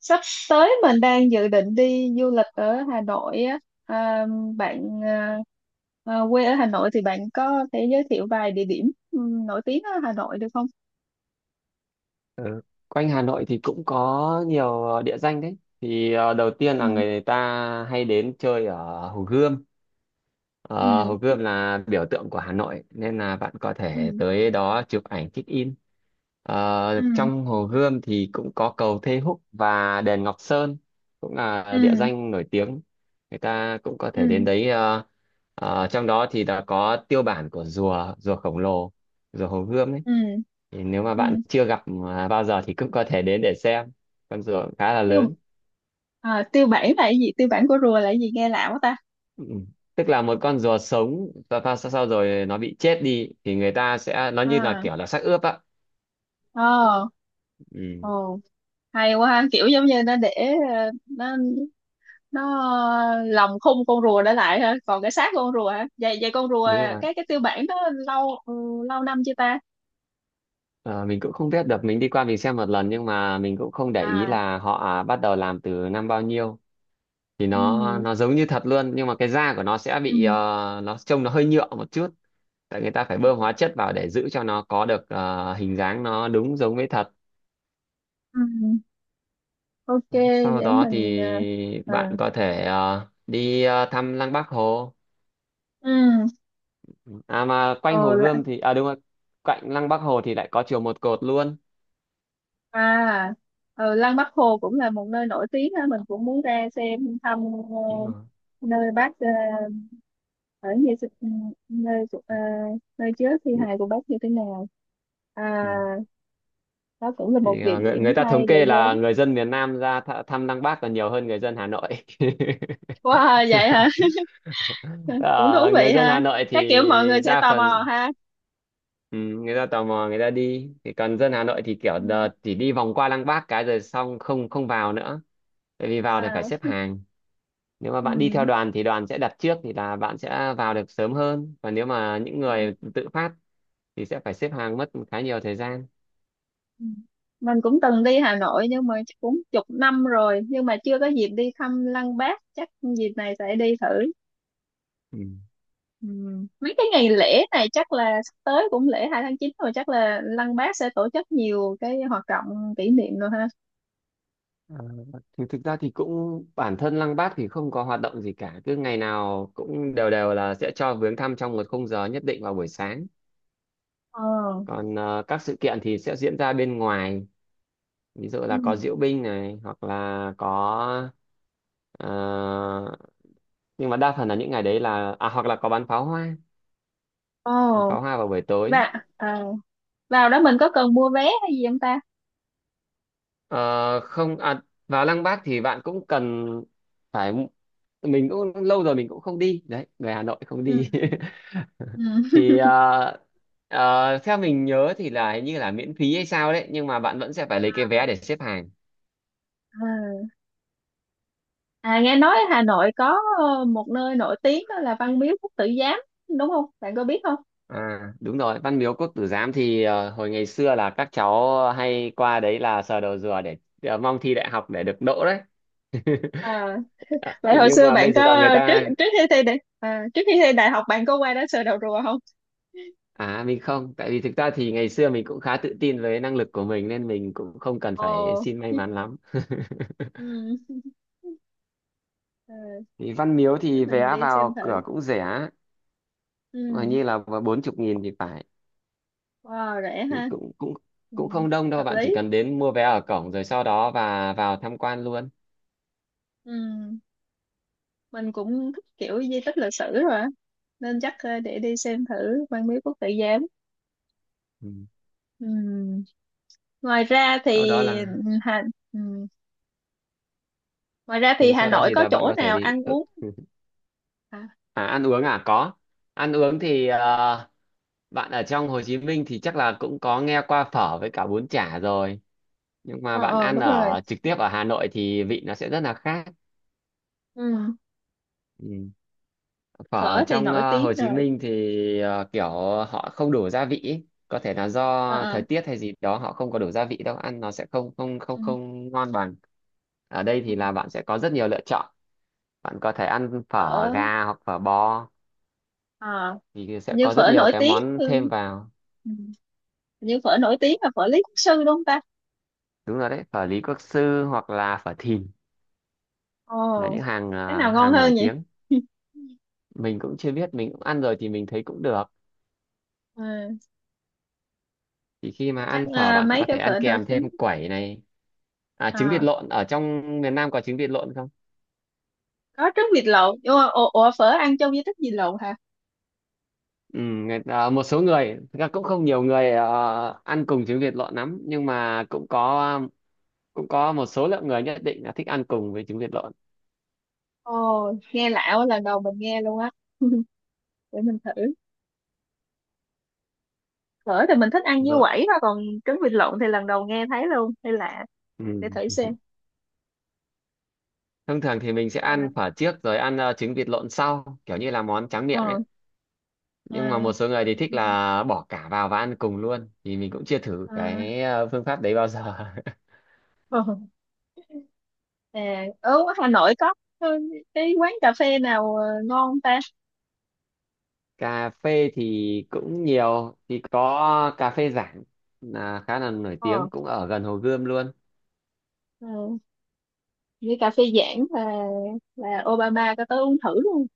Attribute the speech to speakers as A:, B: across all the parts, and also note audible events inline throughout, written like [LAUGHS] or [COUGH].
A: Sắp tới mình đang dự định đi du lịch ở Hà Nội á. à, Bạn à, quê ở Hà Nội thì bạn có thể giới thiệu vài địa điểm ừ, nổi tiếng ở Hà Nội được không?
B: Ừ. Quanh Hà Nội thì cũng có nhiều địa danh đấy. Thì đầu tiên
A: Ừ.
B: là người ta hay đến chơi ở Hồ Gươm.
A: Ừ.
B: Hồ Gươm là biểu tượng của Hà Nội nên là bạn có thể
A: Ừ.
B: tới đó chụp ảnh check in.
A: Ừ.
B: Trong Hồ Gươm thì cũng có cầu Thê Húc và đền Ngọc Sơn cũng là địa
A: Ừ.
B: danh nổi tiếng. Người ta cũng có thể đến
A: Ừ.
B: đấy. Ờ, Trong đó thì đã có tiêu bản của rùa rùa khổng lồ, rùa Hồ Gươm ấy.
A: Ừ.
B: Thì nếu mà
A: Ừ.
B: bạn chưa gặp bao giờ thì cũng có thể đến để xem, con rùa cũng khá là
A: tiêu
B: lớn.
A: Tiêu bản là cái gì? Tiêu bản của rùa là cái gì nghe lạ quá ta?
B: Ừ, tức là một con rùa sống và sau rồi nó bị chết đi thì người ta sẽ nó như là
A: À,
B: kiểu là xác ướp á.
A: ồ,
B: Ừ,
A: ồ, hay quá ha, kiểu giống như nó để ờ, nó nó lòng khung con rùa để lại ha, còn cái xác con rùa hả, vậy vậy con rùa,
B: đúng rồi.
A: cái tiêu bản đó lâu lâu năm chưa ta?
B: Ờ, mình cũng không biết được, mình đi qua mình xem một lần nhưng mà mình cũng không để ý
A: À.
B: là họ bắt đầu làm từ năm bao nhiêu. Thì nó
A: Ừ.
B: nó giống như thật luôn nhưng mà cái da của nó sẽ
A: Ừ.
B: bị nó trông nó hơi nhựa một chút, tại người ta phải bơm hóa chất vào để giữ cho nó có được hình dáng nó đúng giống với thật.
A: ừ ok.
B: Sau
A: Để
B: đó
A: mình
B: thì
A: à.
B: bạn có thể đi thăm Lăng Bác Hồ.
A: Ừ
B: À mà quanh
A: ờ
B: Hồ
A: là-
B: Gươm thì à, đúng rồi, cạnh Lăng Bác Hồ thì lại có chùa Một Cột luôn.
A: À. Lăng Bác Hồ cũng là một nơi nổi tiếng ha, mình cũng muốn ra xem thăm
B: Đúng rồi.
A: ờ, nơi bác ở, như nơi của- ờ, nơi chứa thi
B: Ừ.
A: hài của bác như thế nào. À,
B: Ừ.
A: đó cũng là một
B: Thì,
A: địa
B: người,
A: điểm
B: người ta
A: hay
B: thống
A: để
B: kê là
A: đến.
B: người dân miền Nam ra thăm Lăng Bác còn nhiều hơn người dân Hà Nội.
A: Wow, vậy hả?
B: [LAUGHS]
A: [LAUGHS] Cũng thú
B: Ờ,
A: vị
B: Người dân
A: ha.
B: Hà Nội
A: Chắc kiểu mọi
B: thì
A: người sẽ
B: đa
A: tò mò
B: phần,
A: ha.
B: ừ, người ta tò mò người ta đi, thì còn dân Hà Nội thì kiểu
A: Ừ.
B: chỉ đi vòng qua Lăng Bác cái rồi xong không không vào nữa. Tại vì vào thì phải
A: À,
B: xếp hàng. Nếu mà bạn đi
A: ừ.
B: theo đoàn thì đoàn sẽ đặt trước thì là bạn sẽ vào được sớm hơn, và nếu mà những
A: Ừ.
B: người tự phát thì sẽ phải xếp hàng mất khá nhiều thời gian.
A: Ừ. Mình cũng từng đi Hà Nội, nhưng mà chắc cũng chục năm rồi, nhưng mà chưa có dịp đi thăm Lăng Bác, chắc dịp này sẽ đi thử.
B: Ừ.
A: Ừ. Mấy cái ngày lễ này chắc là sắp tới, cũng lễ 2/9 rồi, chắc là Lăng Bác sẽ tổ chức nhiều cái hoạt động kỷ niệm rồi ha.
B: Ờ, thì thực ra thì cũng bản thân Lăng Bác thì không có hoạt động gì cả, cứ ngày nào cũng đều đều là sẽ cho viếng thăm trong một khung giờ nhất định vào buổi sáng.
A: ờ
B: Còn các sự kiện thì sẽ diễn ra bên ngoài, ví dụ là có
A: ừ.
B: diễu binh này hoặc là có ờ, nhưng mà đa phần là những ngày đấy là hoặc là có
A: Ồ.
B: bắn pháo hoa vào buổi tối.
A: và À, vào đó mình có cần mua vé hay gì không ta?
B: Ờ, Không vào Lăng Bác thì bạn cũng cần phải, mình cũng lâu rồi mình cũng không đi đấy, người Hà Nội không
A: Ừ.
B: đi. [LAUGHS]
A: Ừ.
B: Thì
A: [LAUGHS]
B: ờ, theo mình nhớ thì là hình như là miễn phí hay sao đấy nhưng mà bạn vẫn sẽ phải lấy cái vé để xếp hàng.
A: À. À, nghe nói Hà Nội có một nơi nổi tiếng đó là Văn Miếu Quốc Tử Giám đúng không? Bạn có biết không?
B: À đúng rồi, Văn Miếu Quốc Tử Giám thì hồi ngày xưa là các cháu hay qua đấy là sờ đầu rùa để mong thi đại học để được đỗ đấy. [LAUGHS]
A: À, vậy hồi
B: Nhưng
A: xưa
B: mà
A: bạn
B: bây giờ
A: có
B: người
A: trước
B: ta.
A: trước khi thi đại à, trước khi thi đại học bạn có qua đó sờ đầu rùa không?
B: À mình không, tại vì thực ra thì ngày xưa mình cũng khá tự tin với năng lực của mình nên mình cũng không cần phải
A: Ồ,
B: xin may mắn lắm. [LAUGHS]
A: ừ. [LAUGHS] Ờ,
B: Thì Văn Miếu
A: để
B: thì
A: mình
B: vé
A: đi xem
B: vào
A: thử.
B: cửa cũng rẻ,
A: Ừ.
B: mà như là 40.000 thì phải,
A: Wow, rẻ
B: thì
A: ha.
B: cũng cũng
A: Ừ.
B: cũng không đông đâu,
A: Hợp
B: bạn chỉ
A: lý.
B: cần đến mua vé ở cổng rồi sau đó và vào tham quan luôn.
A: Ừ. Mình cũng thích kiểu di tích lịch sử rồi á, nên chắc để đi xem thử Văn Miếu Quốc Tử Giám.
B: Ừ.
A: Ừ. Ngoài ra
B: Sau đó
A: thì ừ,
B: là
A: Hà, ừ. ngoài ra thì
B: ừ,
A: Hà
B: Sau đó
A: Nội
B: thì
A: có
B: là bạn
A: chỗ
B: có thể
A: nào
B: đi.
A: ăn
B: Ừ.
A: uống.
B: [LAUGHS]
A: à,
B: À ăn uống à, có. Ăn uống thì bạn ở trong Hồ Chí Minh thì chắc là cũng có nghe qua phở với cả bún chả rồi. Nhưng mà bạn
A: ờ
B: ăn
A: Đúng rồi.
B: ở trực tiếp ở Hà Nội thì vị nó sẽ rất là khác.
A: Ừ.
B: Ừ. Phở ở
A: Phở thì
B: trong
A: nổi tiếng
B: Hồ Chí
A: rồi.
B: Minh thì kiểu họ không đủ gia vị ý. Có thể là
A: ờ
B: do
A: ờ
B: thời tiết hay gì đó, họ không có đủ gia vị đâu, ăn nó sẽ không không
A: ừ.
B: không không ngon bằng. Ở đây
A: Ừ.
B: thì là bạn sẽ có rất nhiều lựa chọn, bạn có thể ăn phở
A: phở
B: gà hoặc phở bò,
A: à,
B: thì sẽ
A: hình như
B: có rất
A: phở
B: nhiều
A: nổi
B: cái
A: tiếng
B: món
A: ừ.
B: thêm vào.
A: Ừ. Hình như phở nổi tiếng là phở Lý Quốc Sư đúng không ta?
B: Đúng rồi đấy, phở Lý Quốc Sư hoặc là phở Thìn
A: Ồ,
B: là những
A: cái nào ngon
B: hàng nổi
A: hơn vậy?
B: tiếng.
A: [LAUGHS]
B: Mình cũng chưa biết, mình cũng ăn rồi thì mình thấy cũng được.
A: Ờ,
B: Thì khi mà
A: chắc
B: ăn phở bạn
A: mấy
B: có
A: cái
B: thể ăn
A: phở nổi
B: kèm
A: tiếng.
B: thêm quẩy này. À, trứng vịt
A: À,
B: lộn. Ở trong miền Nam có trứng vịt lộn không?
A: có trứng vịt lộn. Ủa mà, ồ, phở ăn chung với trứng vịt lộn hả?
B: Ừ, một số người thực ra cũng không nhiều người ăn cùng trứng vịt lộn lắm, nhưng mà cũng có, một số lượng người nhất định là thích ăn cùng với trứng vịt lộn.
A: Ồ, nghe lạ quá, lần đầu mình nghe luôn á. [LAUGHS] Để mình thử. Phở thì mình thích ăn như
B: Rồi.
A: quẩy thôi, còn trứng vịt lộn thì lần đầu nghe thấy luôn, hay lạ.
B: Ừ.
A: Để thử xem.
B: Thông thường thì mình sẽ ăn
A: À.
B: phở trước rồi ăn trứng vịt lộn sau, kiểu như là món tráng miệng ấy.
A: ờ, À.
B: Nhưng mà
A: À.
B: một số người thì thích là bỏ cả vào và ăn cùng luôn, thì mình cũng chưa thử cái phương pháp đấy bao giờ. [LAUGHS]
A: ờ. À, ở Hà Nội có cái quán cà phê nào ngon không ta?
B: Cà phê thì cũng nhiều, thì có cà phê Giảng là khá là nổi
A: ờ,
B: tiếng, cũng ở gần Hồ Gươm luôn.
A: ờ, Như cà phê Giảng là Obama có tới uống thử luôn.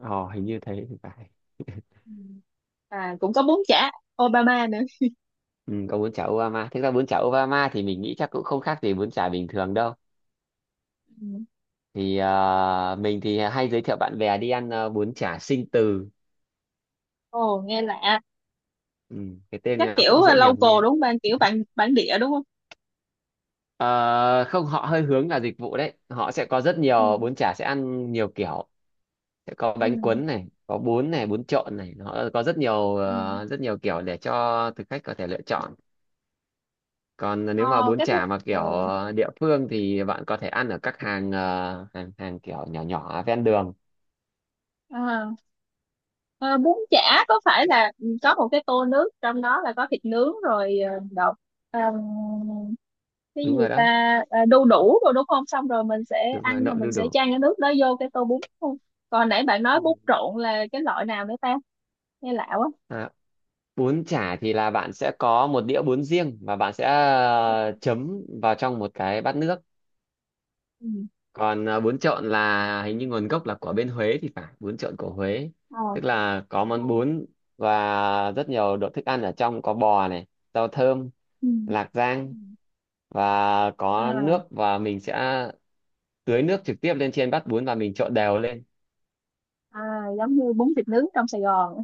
B: Ồ, hình như thế thì phải.
A: Ừ. À, cũng có bún chả Obama nữa.
B: Ừ, có bún chả Obama. Thực ra bún chả Obama thì mình nghĩ chắc cũng không khác gì bún chả bình thường đâu.
A: Ừ.
B: Thì mình thì hay giới thiệu bạn bè đi ăn bún chả Sinh Từ.
A: Ồ, nghe lạ.
B: Ừ, cái tên
A: Chắc
B: nó
A: kiểu
B: cũng dễ nhầm
A: local
B: nghe.
A: đúng không bạn? Kiểu bản bản địa đúng không?
B: Ờ, Không, họ hơi hướng là dịch vụ đấy, họ sẽ có rất
A: Ừ.
B: nhiều bún chả, sẽ ăn nhiều kiểu. Sẽ có
A: Ừ.
B: bánh cuốn này, có bún này, bún trộn này, nó có
A: Ừ.
B: rất nhiều kiểu để cho thực khách có thể lựa chọn. Còn nếu mà
A: Ờ,
B: bún
A: cái bún
B: chả mà kiểu
A: ồ
B: địa phương thì bạn có thể ăn ở các hàng hàng hàng kiểu nhỏ nhỏ ven đường.
A: à. Ờ, Bún chả có phải là có một cái tô nước, trong đó là có thịt nướng rồi đậu, ờm, cái
B: Đúng
A: gì
B: rồi
A: ta?
B: đó.
A: À, đu đủ rồi đúng không? Xong rồi mình sẽ
B: Đúng rồi,
A: ăn, rồi
B: nộm đu
A: mình sẽ
B: đủ.
A: chan cái nước đó vô cái tô bún đúng không? Còn nãy bạn nói
B: Ừ.
A: bún trộn là cái loại nào nữa ta? Nghe lạ quá.
B: À, bún chả thì là bạn sẽ có một đĩa bún riêng và bạn sẽ chấm vào trong một cái bát nước.
A: Ừ.
B: Còn bún trộn là hình như nguồn gốc là của bên Huế thì phải, bún trộn của Huế.
A: Ờ.
B: Tức là có
A: ờ,
B: món bún và rất nhiều đồ thức ăn ở trong, có bò này, rau thơm,
A: Ừ.
B: lạc rang,
A: Ừ.
B: và có nước
A: À,
B: và mình sẽ tưới nước trực tiếp lên trên bát bún và mình trộn đều lên.
A: à, giống như bún thịt nướng trong Sài Gòn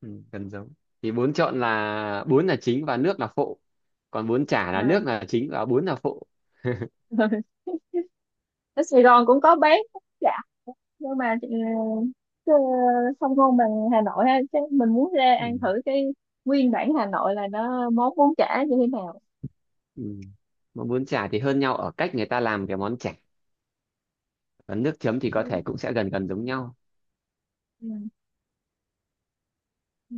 B: Ừ, gần giống. Thì bún trộn là bún là chính và nước là phụ, còn bún chả là nước
A: à.
B: là chính và bún là phụ.
A: [LAUGHS] Ở Sài Gòn cũng có bán. Dạ. Nhưng mà chứ không ngon bằng Hà Nội ha, chắc mình muốn ra
B: Ừ.
A: ăn thử cái nguyên bản Hà Nội là nó món bún chả như thế nào.
B: Ừ. Mà bún chả thì hơn nhau ở cách người ta làm cái món chả, còn nước chấm thì
A: Ừ.
B: có thể cũng sẽ gần gần giống nhau.
A: Ừ. Ừ.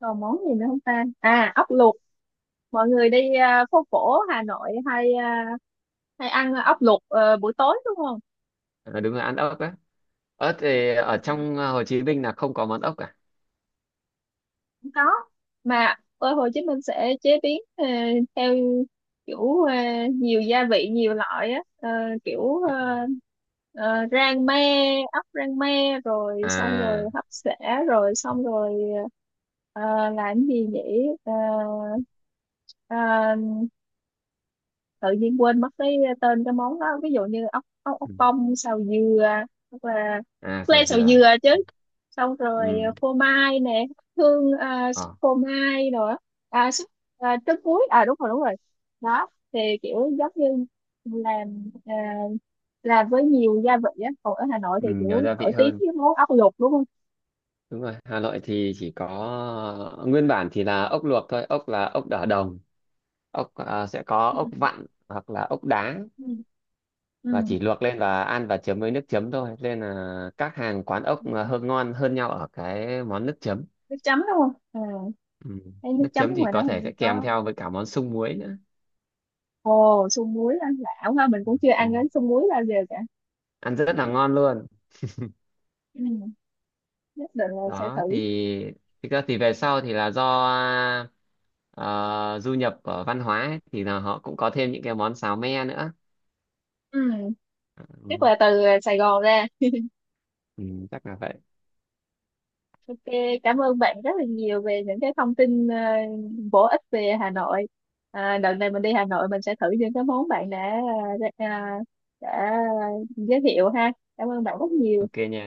A: Còn món gì nữa không ta? À, ốc luộc. Mọi người đi phố cổ Hà Nội hay ăn ốc luộc buổi tối đúng không?
B: À, đúng là ăn ốc á. Ớt thì ở trong Hồ Chí Minh là không có món ốc cả.
A: Cũng có, mà ở Hồ Chí Minh sẽ chế biến theo kiểu nhiều gia vị nhiều loại á. Ờ, kiểu rang me, ốc rang me rồi xong rồi
B: À,
A: hấp xả, rồi xong rồi ờ, làm gì nhỉ, uh, tự nhiên quên mất cái tên cái món đó. Ví dụ như ốc ốc ốc
B: ừ.
A: bông xào dừa hoặc là
B: À,
A: ốc
B: xào
A: len xào
B: dừa.
A: dừa chứ. Xong rồi
B: Ừ.
A: phô mai nè. Súp
B: Ờ.
A: phô mai nữa. Súp. Trứng muối. À, đúng rồi, đúng rồi. Đó thì kiểu giống như làm à, làm với nhiều gia vị á, còn ở Hà Nội
B: Ừ,
A: thì
B: nhiều
A: kiểu
B: gia vị
A: nổi tiếng
B: hơn.
A: với món ốc luộc đúng không?
B: Đúng rồi, Hà Nội thì chỉ có nguyên bản thì là ốc luộc thôi, ốc là ốc đỏ đồng, sẽ có
A: Ừ.
B: ốc vặn hoặc là ốc đá.
A: Ừ.
B: Và
A: Ừ.
B: chỉ luộc lên và ăn và chấm với nước chấm thôi. Nên là các hàng quán
A: Ừ.
B: ốc là hơn ngon hơn nhau ở cái món nước chấm.
A: Nước chấm đúng không,
B: Ừ.
A: thấy nước
B: Nước
A: chấm
B: chấm thì
A: ngoài đó
B: có
A: hình
B: thể
A: như
B: sẽ kèm
A: có.
B: theo với cả món sung muối nữa.
A: Ồ, sung muối ăn lão ha, mình cũng chưa ăn
B: Ừ.
A: đến sung muối bao giờ cả.
B: Ăn rất là ngon luôn.
A: Ừ, nhất định là sẽ
B: Đó thì
A: thử.
B: thực ra thì về sau thì là do ờ, du nhập ở văn hóa ấy, thì là họ cũng có thêm những cái món xào me nữa.
A: Ừ, chắc
B: Ừ,
A: là từ Sài Gòn ra.
B: ừ, chắc là vậy.
A: Ok, cảm ơn bạn rất là nhiều về những cái thông tin bổ ích về Hà Nội. À, đợt này mình đi Hà Nội, mình sẽ thử những cái món bạn ờ, đã, ờ, đã giới thiệu ha. Cảm ơn bạn rất nhiều.
B: Ok nha.